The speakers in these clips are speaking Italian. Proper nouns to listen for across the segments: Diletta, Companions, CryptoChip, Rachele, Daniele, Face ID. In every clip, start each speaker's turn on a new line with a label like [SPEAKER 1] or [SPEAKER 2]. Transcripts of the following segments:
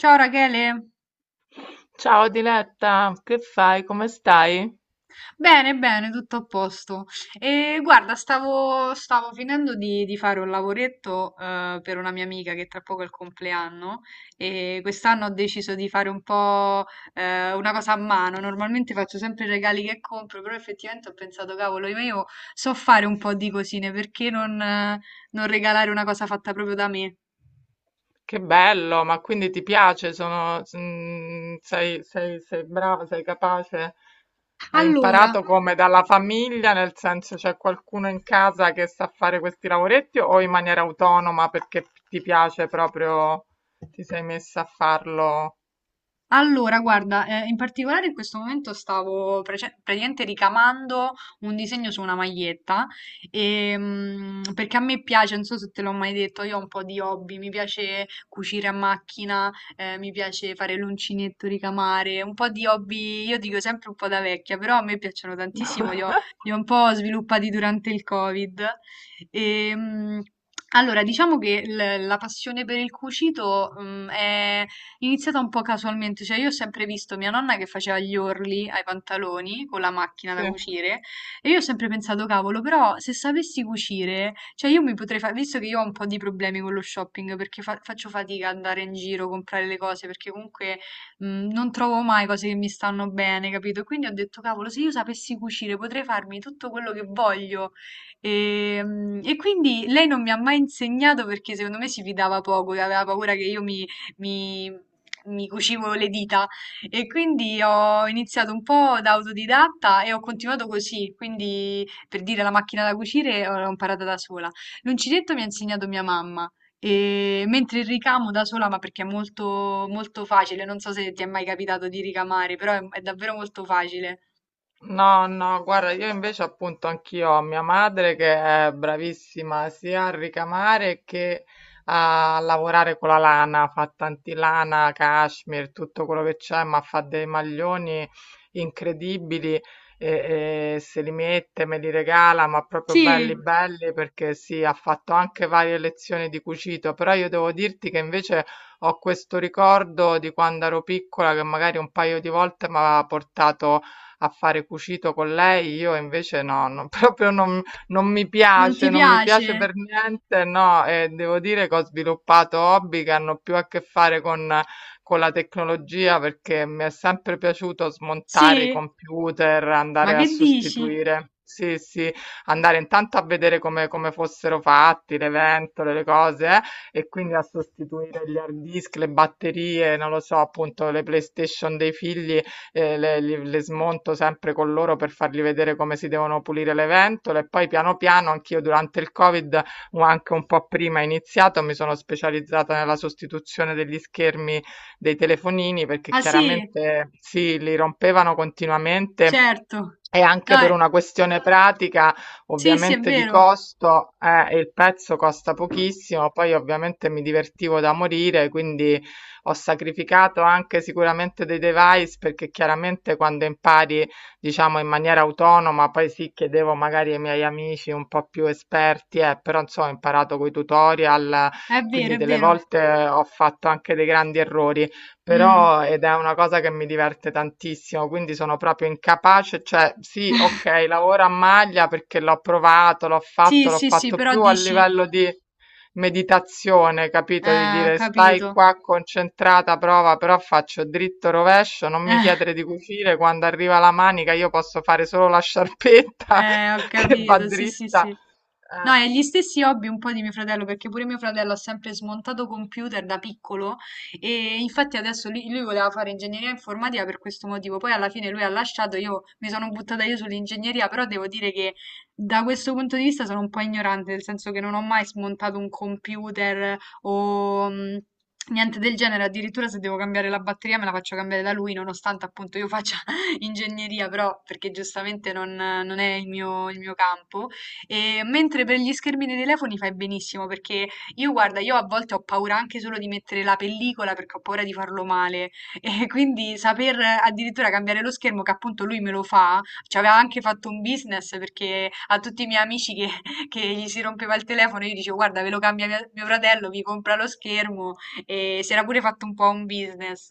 [SPEAKER 1] Ciao Rachele,
[SPEAKER 2] Ciao Diletta, che fai? Come stai?
[SPEAKER 1] bene, bene, tutto a posto. E guarda, stavo finendo di fare un lavoretto per una mia amica che tra poco è il compleanno e quest'anno ho deciso di fare un po' una cosa a mano. Normalmente faccio sempre i regali che compro, però effettivamente ho pensato, cavolo, io so fare un po' di cosine, perché non regalare una cosa fatta proprio da me?
[SPEAKER 2] Che bello, ma quindi ti piace? Sono, sei, sei brava, sei capace? Hai
[SPEAKER 1] Allora,
[SPEAKER 2] imparato come dalla famiglia, nel senso c'è qualcuno in casa che sa fare questi lavoretti o in maniera autonoma perché ti piace proprio, ti sei messa a farlo?
[SPEAKER 1] Allora, guarda, in particolare in questo momento stavo praticamente ricamando un disegno su una maglietta, e, perché a me piace, non so se te l'ho mai detto, io ho un po' di hobby, mi piace cucire a macchina, mi piace fare l'uncinetto, ricamare, un po' di hobby, io dico sempre un po' da vecchia, però a me piacciono tantissimo, li ho un po' sviluppati durante il Covid. E, allora, diciamo che la passione per il cucito, è iniziata un po' casualmente, cioè io ho sempre visto mia nonna che faceva gli orli ai pantaloni con la macchina da
[SPEAKER 2] Sì.
[SPEAKER 1] cucire e io ho sempre pensato, cavolo, però se sapessi cucire, cioè io mi potrei fare, visto che io ho un po' di problemi con lo shopping perché faccio fatica ad andare in giro, comprare le cose perché comunque mh, non trovo mai cose che mi stanno bene, capito? Quindi ho detto, cavolo, se io sapessi cucire potrei farmi tutto quello che voglio. E, e quindi lei non mi ha mai insegnato perché secondo me si fidava poco, aveva paura che io mi- mi cucivo le dita e quindi ho iniziato un po' da autodidatta e ho continuato così, quindi per dire la macchina da cucire l'ho imparata da sola. L'uncinetto mi ha insegnato mia mamma. E mentre il ricamo da sola, ma perché è molto, molto facile, non so se ti è mai capitato di ricamare, però è davvero molto facile.
[SPEAKER 2] No, no, guarda, io invece appunto anch'io ho mia madre che è bravissima sia a ricamare che a lavorare con la lana, fa tanti lana, cashmere, tutto quello che c'è, ma fa dei maglioni incredibili e se li mette, me li regala, ma proprio
[SPEAKER 1] Sì,
[SPEAKER 2] belli belli perché sì, ha fatto anche varie lezioni di cucito, però io devo dirti che invece ho questo ricordo di quando ero piccola che magari un paio di volte mi aveva portato a fare cucito con lei, io invece no, no, proprio non, non mi
[SPEAKER 1] non ti
[SPEAKER 2] piace, non mi
[SPEAKER 1] piace?
[SPEAKER 2] piace per niente, no, e devo dire che ho sviluppato hobby che hanno più a che fare con la tecnologia perché mi è sempre piaciuto smontare i
[SPEAKER 1] Sì,
[SPEAKER 2] computer,
[SPEAKER 1] ma
[SPEAKER 2] andare a
[SPEAKER 1] che dici?
[SPEAKER 2] sostituire. Sì, sì, andare intanto a vedere come, come fossero fatti le ventole, le cose, e quindi a sostituire gli hard disk, le batterie, non lo so, appunto le PlayStation dei figli le, le smonto sempre con loro per fargli vedere come si devono pulire le ventole e poi piano piano anch'io durante il Covid o anche un po' prima iniziato mi sono specializzata nella sostituzione degli schermi dei telefonini perché
[SPEAKER 1] Ah sì,
[SPEAKER 2] chiaramente sì, li rompevano continuamente.
[SPEAKER 1] certo.
[SPEAKER 2] E anche
[SPEAKER 1] No,
[SPEAKER 2] per una questione pratica,
[SPEAKER 1] sì, sì, è
[SPEAKER 2] ovviamente di
[SPEAKER 1] vero.
[SPEAKER 2] costo, il pezzo costa pochissimo, poi ovviamente mi divertivo da morire, quindi ho sacrificato anche sicuramente dei device perché chiaramente quando impari, diciamo, in maniera autonoma, poi sì, chiedevo magari ai miei amici un po' più esperti, però insomma ho imparato con i tutorial,
[SPEAKER 1] È vero,
[SPEAKER 2] quindi
[SPEAKER 1] è
[SPEAKER 2] delle
[SPEAKER 1] vero.
[SPEAKER 2] volte ho fatto anche dei grandi errori,
[SPEAKER 1] Mm.
[SPEAKER 2] però ed è una cosa che mi diverte tantissimo, quindi sono proprio incapace, cioè sì, ok, lavoro a maglia perché l'ho provato,
[SPEAKER 1] Sì,
[SPEAKER 2] l'ho
[SPEAKER 1] sì, sì,
[SPEAKER 2] fatto
[SPEAKER 1] però
[SPEAKER 2] più a
[SPEAKER 1] dici,
[SPEAKER 2] livello di meditazione, capito? Di dire stai
[SPEAKER 1] capito.
[SPEAKER 2] qua concentrata, prova, però faccio dritto rovescio, non mi chiedere di cucire, quando arriva la manica io posso fare solo la sciarpetta
[SPEAKER 1] Ho
[SPEAKER 2] che va
[SPEAKER 1] capito, sì, sì,
[SPEAKER 2] dritta.
[SPEAKER 1] sì. No, e gli stessi hobby un po' di mio fratello, perché pure mio fratello ha sempre smontato computer da piccolo e infatti adesso lui voleva fare ingegneria informatica per questo motivo, poi alla fine lui ha lasciato, io mi sono buttata io sull'ingegneria, però devo dire che da questo punto di vista sono un po' ignorante, nel senso che non ho mai smontato un computer o niente del genere, addirittura se devo cambiare la batteria me la faccio cambiare da lui, nonostante appunto io faccia ingegneria, però perché giustamente non è il mio campo. E mentre per gli schermi dei telefoni fai benissimo, perché io guarda, io a volte ho paura anche solo di mettere la pellicola perché ho paura di farlo male. E quindi saper addirittura cambiare lo schermo, che appunto lui me lo fa, ci aveva anche fatto un business perché a tutti i miei amici che, che gli si rompeva il telefono, io dicevo guarda, ve lo cambia mio fratello, vi compra lo schermo e si era pure fatto un po' un business.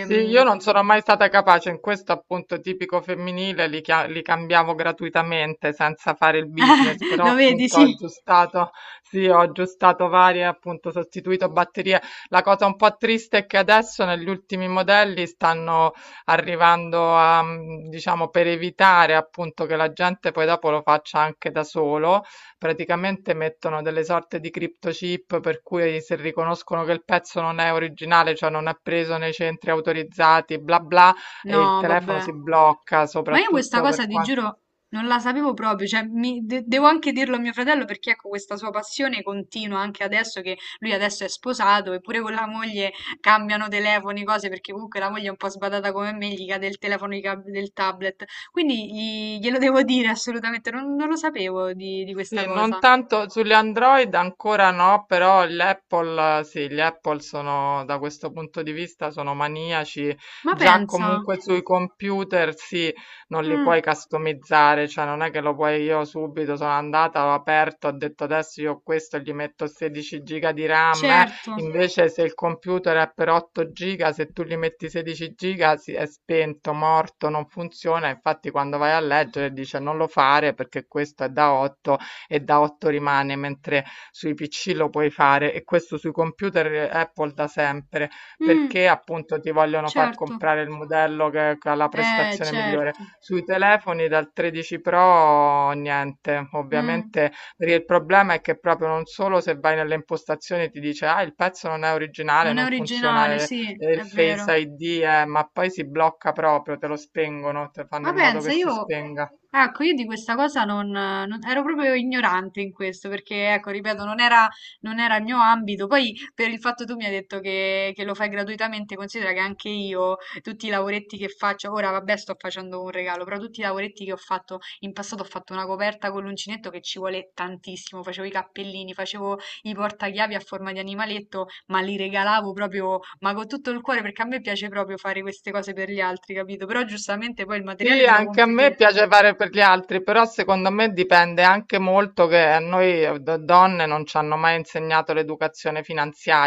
[SPEAKER 2] Sì, io non sono mai stata capace, in questo appunto tipico femminile li, li cambiavo gratuitamente senza fare il business, però
[SPEAKER 1] Lo vedi,
[SPEAKER 2] appunto ho
[SPEAKER 1] sì.
[SPEAKER 2] aggiustato, sì, ho aggiustato varie, appunto sostituito batterie. La cosa un po' triste è che adesso negli ultimi modelli stanno arrivando a, diciamo, per evitare appunto che la gente poi dopo lo faccia anche da solo, praticamente mettono delle sorte di CryptoChip per cui se riconoscono che il pezzo non è originale, cioè non è preso nei centri autorizzati, bla bla, e il
[SPEAKER 1] No,
[SPEAKER 2] telefono
[SPEAKER 1] vabbè.
[SPEAKER 2] si blocca,
[SPEAKER 1] Ma io questa
[SPEAKER 2] soprattutto per
[SPEAKER 1] cosa, ti
[SPEAKER 2] quanto.
[SPEAKER 1] giuro, non la sapevo proprio. Cioè, devo anche dirlo a mio fratello perché, ecco, questa sua passione continua anche adesso che lui adesso è sposato, eppure con la moglie cambiano telefoni, cose, perché comunque la moglie è un po' sbadata come me, gli cade il telefono, gli cade del tablet. Quindi glielo devo dire assolutamente, non lo sapevo di questa
[SPEAKER 2] Sì, non
[SPEAKER 1] cosa.
[SPEAKER 2] tanto sugli Android ancora no, però gli Apple, sì, gli Apple sono da questo punto di vista sono maniaci.
[SPEAKER 1] Ma
[SPEAKER 2] Già
[SPEAKER 1] pensa.
[SPEAKER 2] comunque sui computer sì, non li
[SPEAKER 1] Mm,
[SPEAKER 2] puoi customizzare, cioè non è che lo puoi io subito sono andata, l'ho aperto, ho detto adesso io questo gli metto 16 giga di RAM, eh.
[SPEAKER 1] certo.
[SPEAKER 2] Invece se il computer è per 8 giga, se tu gli metti 16 giga è spento, morto, non funziona. Infatti quando vai a leggere dice non lo fare perché questo è da 8 e da 8 rimane, mentre sui PC lo puoi fare e questo sui computer Apple da sempre,
[SPEAKER 1] Mm,
[SPEAKER 2] perché appunto ti vogliono far
[SPEAKER 1] certo.
[SPEAKER 2] comprare il modello che ha la prestazione migliore.
[SPEAKER 1] Certo.
[SPEAKER 2] Sui telefoni dal 13 Pro niente,
[SPEAKER 1] Mm.
[SPEAKER 2] ovviamente perché il problema è che proprio non solo se vai nelle impostazioni ti dice ah il pezzo non è originale,
[SPEAKER 1] Non è
[SPEAKER 2] non funziona
[SPEAKER 1] originale, sì,
[SPEAKER 2] il
[SPEAKER 1] è vero.
[SPEAKER 2] Face ID, ma poi si blocca proprio, te lo spengono, te fanno
[SPEAKER 1] Ma
[SPEAKER 2] in modo
[SPEAKER 1] pensa,
[SPEAKER 2] che si
[SPEAKER 1] io,
[SPEAKER 2] spenga.
[SPEAKER 1] ecco, io di questa cosa ero proprio ignorante in questo, perché, ecco, ripeto, non era il mio ambito. Poi, per il fatto tu mi hai detto che lo fai gratuitamente, considera che anche io, tutti i lavoretti che faccio, ora vabbè, sto facendo un regalo, però tutti i lavoretti che ho fatto in passato, ho fatto una coperta con l'uncinetto che ci vuole tantissimo, facevo i cappellini, facevo i portachiavi a forma di animaletto, ma li regalavo proprio ma con tutto il cuore, perché a me piace proprio fare queste cose per gli altri, capito? Però giustamente poi il materiale
[SPEAKER 2] Sì,
[SPEAKER 1] te lo
[SPEAKER 2] anche a
[SPEAKER 1] compri tu.
[SPEAKER 2] me piace fare per gli altri, però secondo me dipende anche molto che a noi donne non ci hanno mai insegnato l'educazione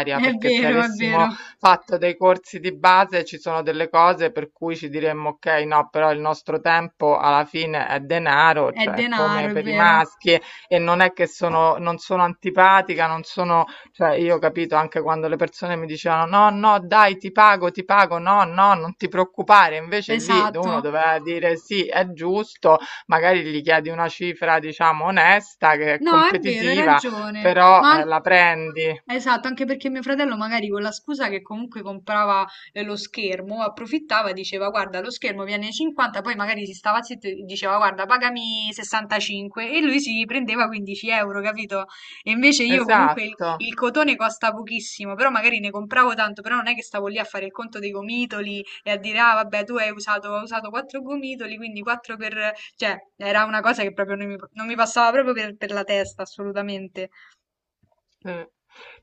[SPEAKER 1] È
[SPEAKER 2] perché se
[SPEAKER 1] vero, è
[SPEAKER 2] avessimo
[SPEAKER 1] vero.
[SPEAKER 2] fatto dei corsi di base ci sono delle cose per cui ci diremmo ok, no, però il nostro tempo alla fine è denaro,
[SPEAKER 1] È
[SPEAKER 2] cioè come
[SPEAKER 1] denaro, è
[SPEAKER 2] per i
[SPEAKER 1] vero.
[SPEAKER 2] maschi e non è che sono, non sono antipatica, non sono cioè, io ho capito anche quando le persone mi dicevano: No, no, dai, ti pago, no, no, non ti preoccupare. Invece lì
[SPEAKER 1] Esatto.
[SPEAKER 2] uno doveva dire: Sì, è giusto, magari gli chiedi una cifra, diciamo, onesta, che è
[SPEAKER 1] No, è vero, hai
[SPEAKER 2] competitiva,
[SPEAKER 1] ragione.
[SPEAKER 2] però
[SPEAKER 1] Ma
[SPEAKER 2] la prendi.
[SPEAKER 1] esatto, anche perché mio fratello magari con la scusa che comunque comprava lo schermo, approfittava, e diceva guarda lo schermo viene 50, poi magari si stava zitto e diceva guarda pagami 65 e lui si prendeva 15 euro, capito? E invece io comunque
[SPEAKER 2] Esatto.
[SPEAKER 1] il cotone costa pochissimo, però magari ne compravo tanto, però non è che stavo lì a fare il conto dei gomitoli e a dire ah vabbè tu hai usato 4 gomitoli, quindi 4 per... cioè era una cosa che proprio non mi passava proprio per la testa assolutamente.
[SPEAKER 2] Sì.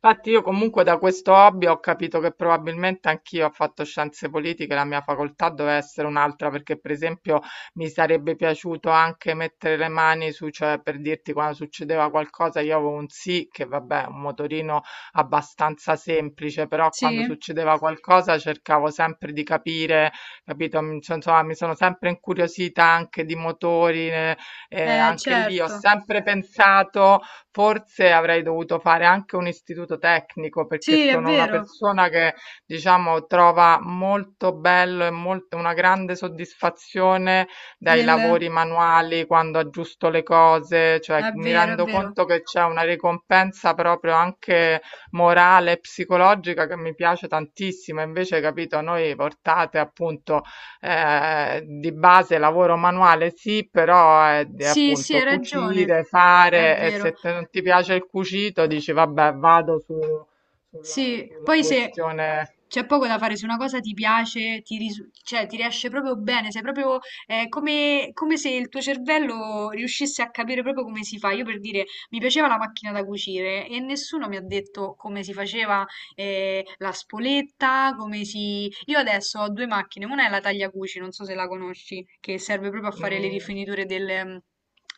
[SPEAKER 2] Infatti io comunque da questo hobby ho capito che probabilmente anch'io ho fatto scienze politiche, la mia facoltà doveva essere un'altra perché per esempio mi sarebbe piaciuto anche mettere le mani su, cioè per dirti quando succedeva qualcosa io avevo un sì che vabbè, è un motorino abbastanza semplice, però quando
[SPEAKER 1] Sì.
[SPEAKER 2] succedeva qualcosa cercavo sempre di capire, capito? Cioè, insomma, mi sono sempre incuriosita anche di motori, anche lì ho
[SPEAKER 1] Certo.
[SPEAKER 2] sempre pensato forse avrei dovuto fare anche un istituto tecnico, perché
[SPEAKER 1] Sì, è
[SPEAKER 2] sono una
[SPEAKER 1] vero.
[SPEAKER 2] persona che, diciamo, trova molto bello e molt una grande soddisfazione dai
[SPEAKER 1] Nel...
[SPEAKER 2] lavori manuali, quando aggiusto le cose, cioè
[SPEAKER 1] È
[SPEAKER 2] mi
[SPEAKER 1] vero, è
[SPEAKER 2] rendo
[SPEAKER 1] vero.
[SPEAKER 2] conto che c'è una ricompensa proprio anche morale e psicologica che mi piace tantissimo. Invece, capito, noi portate appunto. Di base lavoro manuale sì, però è
[SPEAKER 1] Sì, sì,
[SPEAKER 2] appunto
[SPEAKER 1] hai ragione.
[SPEAKER 2] cucire,
[SPEAKER 1] È
[SPEAKER 2] fare e
[SPEAKER 1] vero.
[SPEAKER 2] se non ti piace il cucito dici vabbè vado su, sulla,
[SPEAKER 1] Sì,
[SPEAKER 2] sulla
[SPEAKER 1] poi se
[SPEAKER 2] questione.
[SPEAKER 1] c'è poco da fare, se una cosa ti piace, cioè, ti riesce proprio bene, sei proprio come se il tuo cervello riuscisse a capire proprio come si fa. Io per dire, mi piaceva la macchina da cucire e nessuno mi ha detto come si faceva la spoletta, come si... Io adesso ho due macchine, una è la tagliacuci, non so se la conosci, che serve proprio a fare le
[SPEAKER 2] Mm,
[SPEAKER 1] rifiniture del-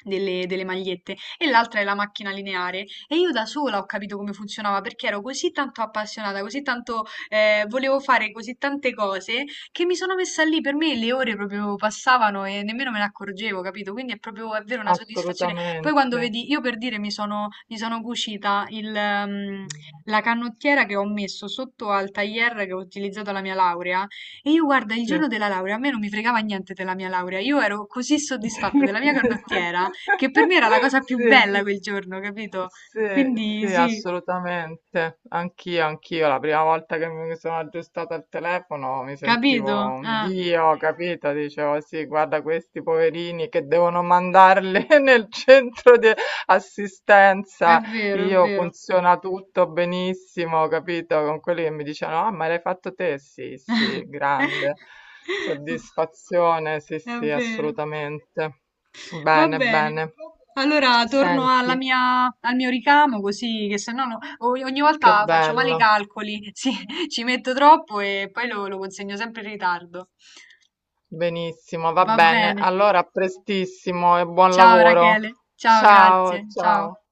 [SPEAKER 1] delle delle magliette e l'altra è la macchina lineare e io da sola ho capito come funzionava perché ero così tanto appassionata, così tanto volevo fare così tante cose che mi sono messa lì. Per me le ore proprio passavano e nemmeno me ne accorgevo, capito? Quindi è proprio, è vero, una soddisfazione. Poi quando
[SPEAKER 2] assolutamente.
[SPEAKER 1] vedi, io per dire mi sono cucita la canottiera che ho messo sotto al tailleur che ho utilizzato alla mia laurea. E io guarda, il
[SPEAKER 2] Sì.
[SPEAKER 1] giorno della laurea, a me non mi fregava niente della mia laurea, io ero così soddisfatta della mia canottiera che per me era la cosa più
[SPEAKER 2] Sì.
[SPEAKER 1] bella quel giorno, capito?
[SPEAKER 2] Sì,
[SPEAKER 1] Quindi
[SPEAKER 2] sì,
[SPEAKER 1] sì,
[SPEAKER 2] assolutamente. Anch'io, anch'io. La prima volta che mi sono aggiustata al telefono mi sentivo
[SPEAKER 1] capito?
[SPEAKER 2] un
[SPEAKER 1] Ah,
[SPEAKER 2] dio, capito? Dicevo, sì, guarda questi poverini che devono mandarli nel centro di
[SPEAKER 1] è
[SPEAKER 2] assistenza,
[SPEAKER 1] vero, è
[SPEAKER 2] io
[SPEAKER 1] vero.
[SPEAKER 2] funziona tutto benissimo, capito? Con quelli che mi dicevano, ah, ma l'hai fatto te? Sì, sì, grande soddisfazione, sì,
[SPEAKER 1] È
[SPEAKER 2] sì,
[SPEAKER 1] vero.
[SPEAKER 2] assolutamente.
[SPEAKER 1] Va
[SPEAKER 2] Bene,
[SPEAKER 1] bene.
[SPEAKER 2] bene.
[SPEAKER 1] Allora torno alla
[SPEAKER 2] Senti,
[SPEAKER 1] mia, al mio ricamo così che se no ogni ogni
[SPEAKER 2] che
[SPEAKER 1] volta faccio male i
[SPEAKER 2] bello,
[SPEAKER 1] calcoli, sì, ci metto troppo e poi lo consegno sempre in ritardo.
[SPEAKER 2] benissimo, va
[SPEAKER 1] Va
[SPEAKER 2] bene.
[SPEAKER 1] bene.
[SPEAKER 2] Allora, a prestissimo e buon
[SPEAKER 1] Ciao
[SPEAKER 2] lavoro.
[SPEAKER 1] Rachele, ciao,
[SPEAKER 2] Ciao,
[SPEAKER 1] grazie, ciao.
[SPEAKER 2] ciao.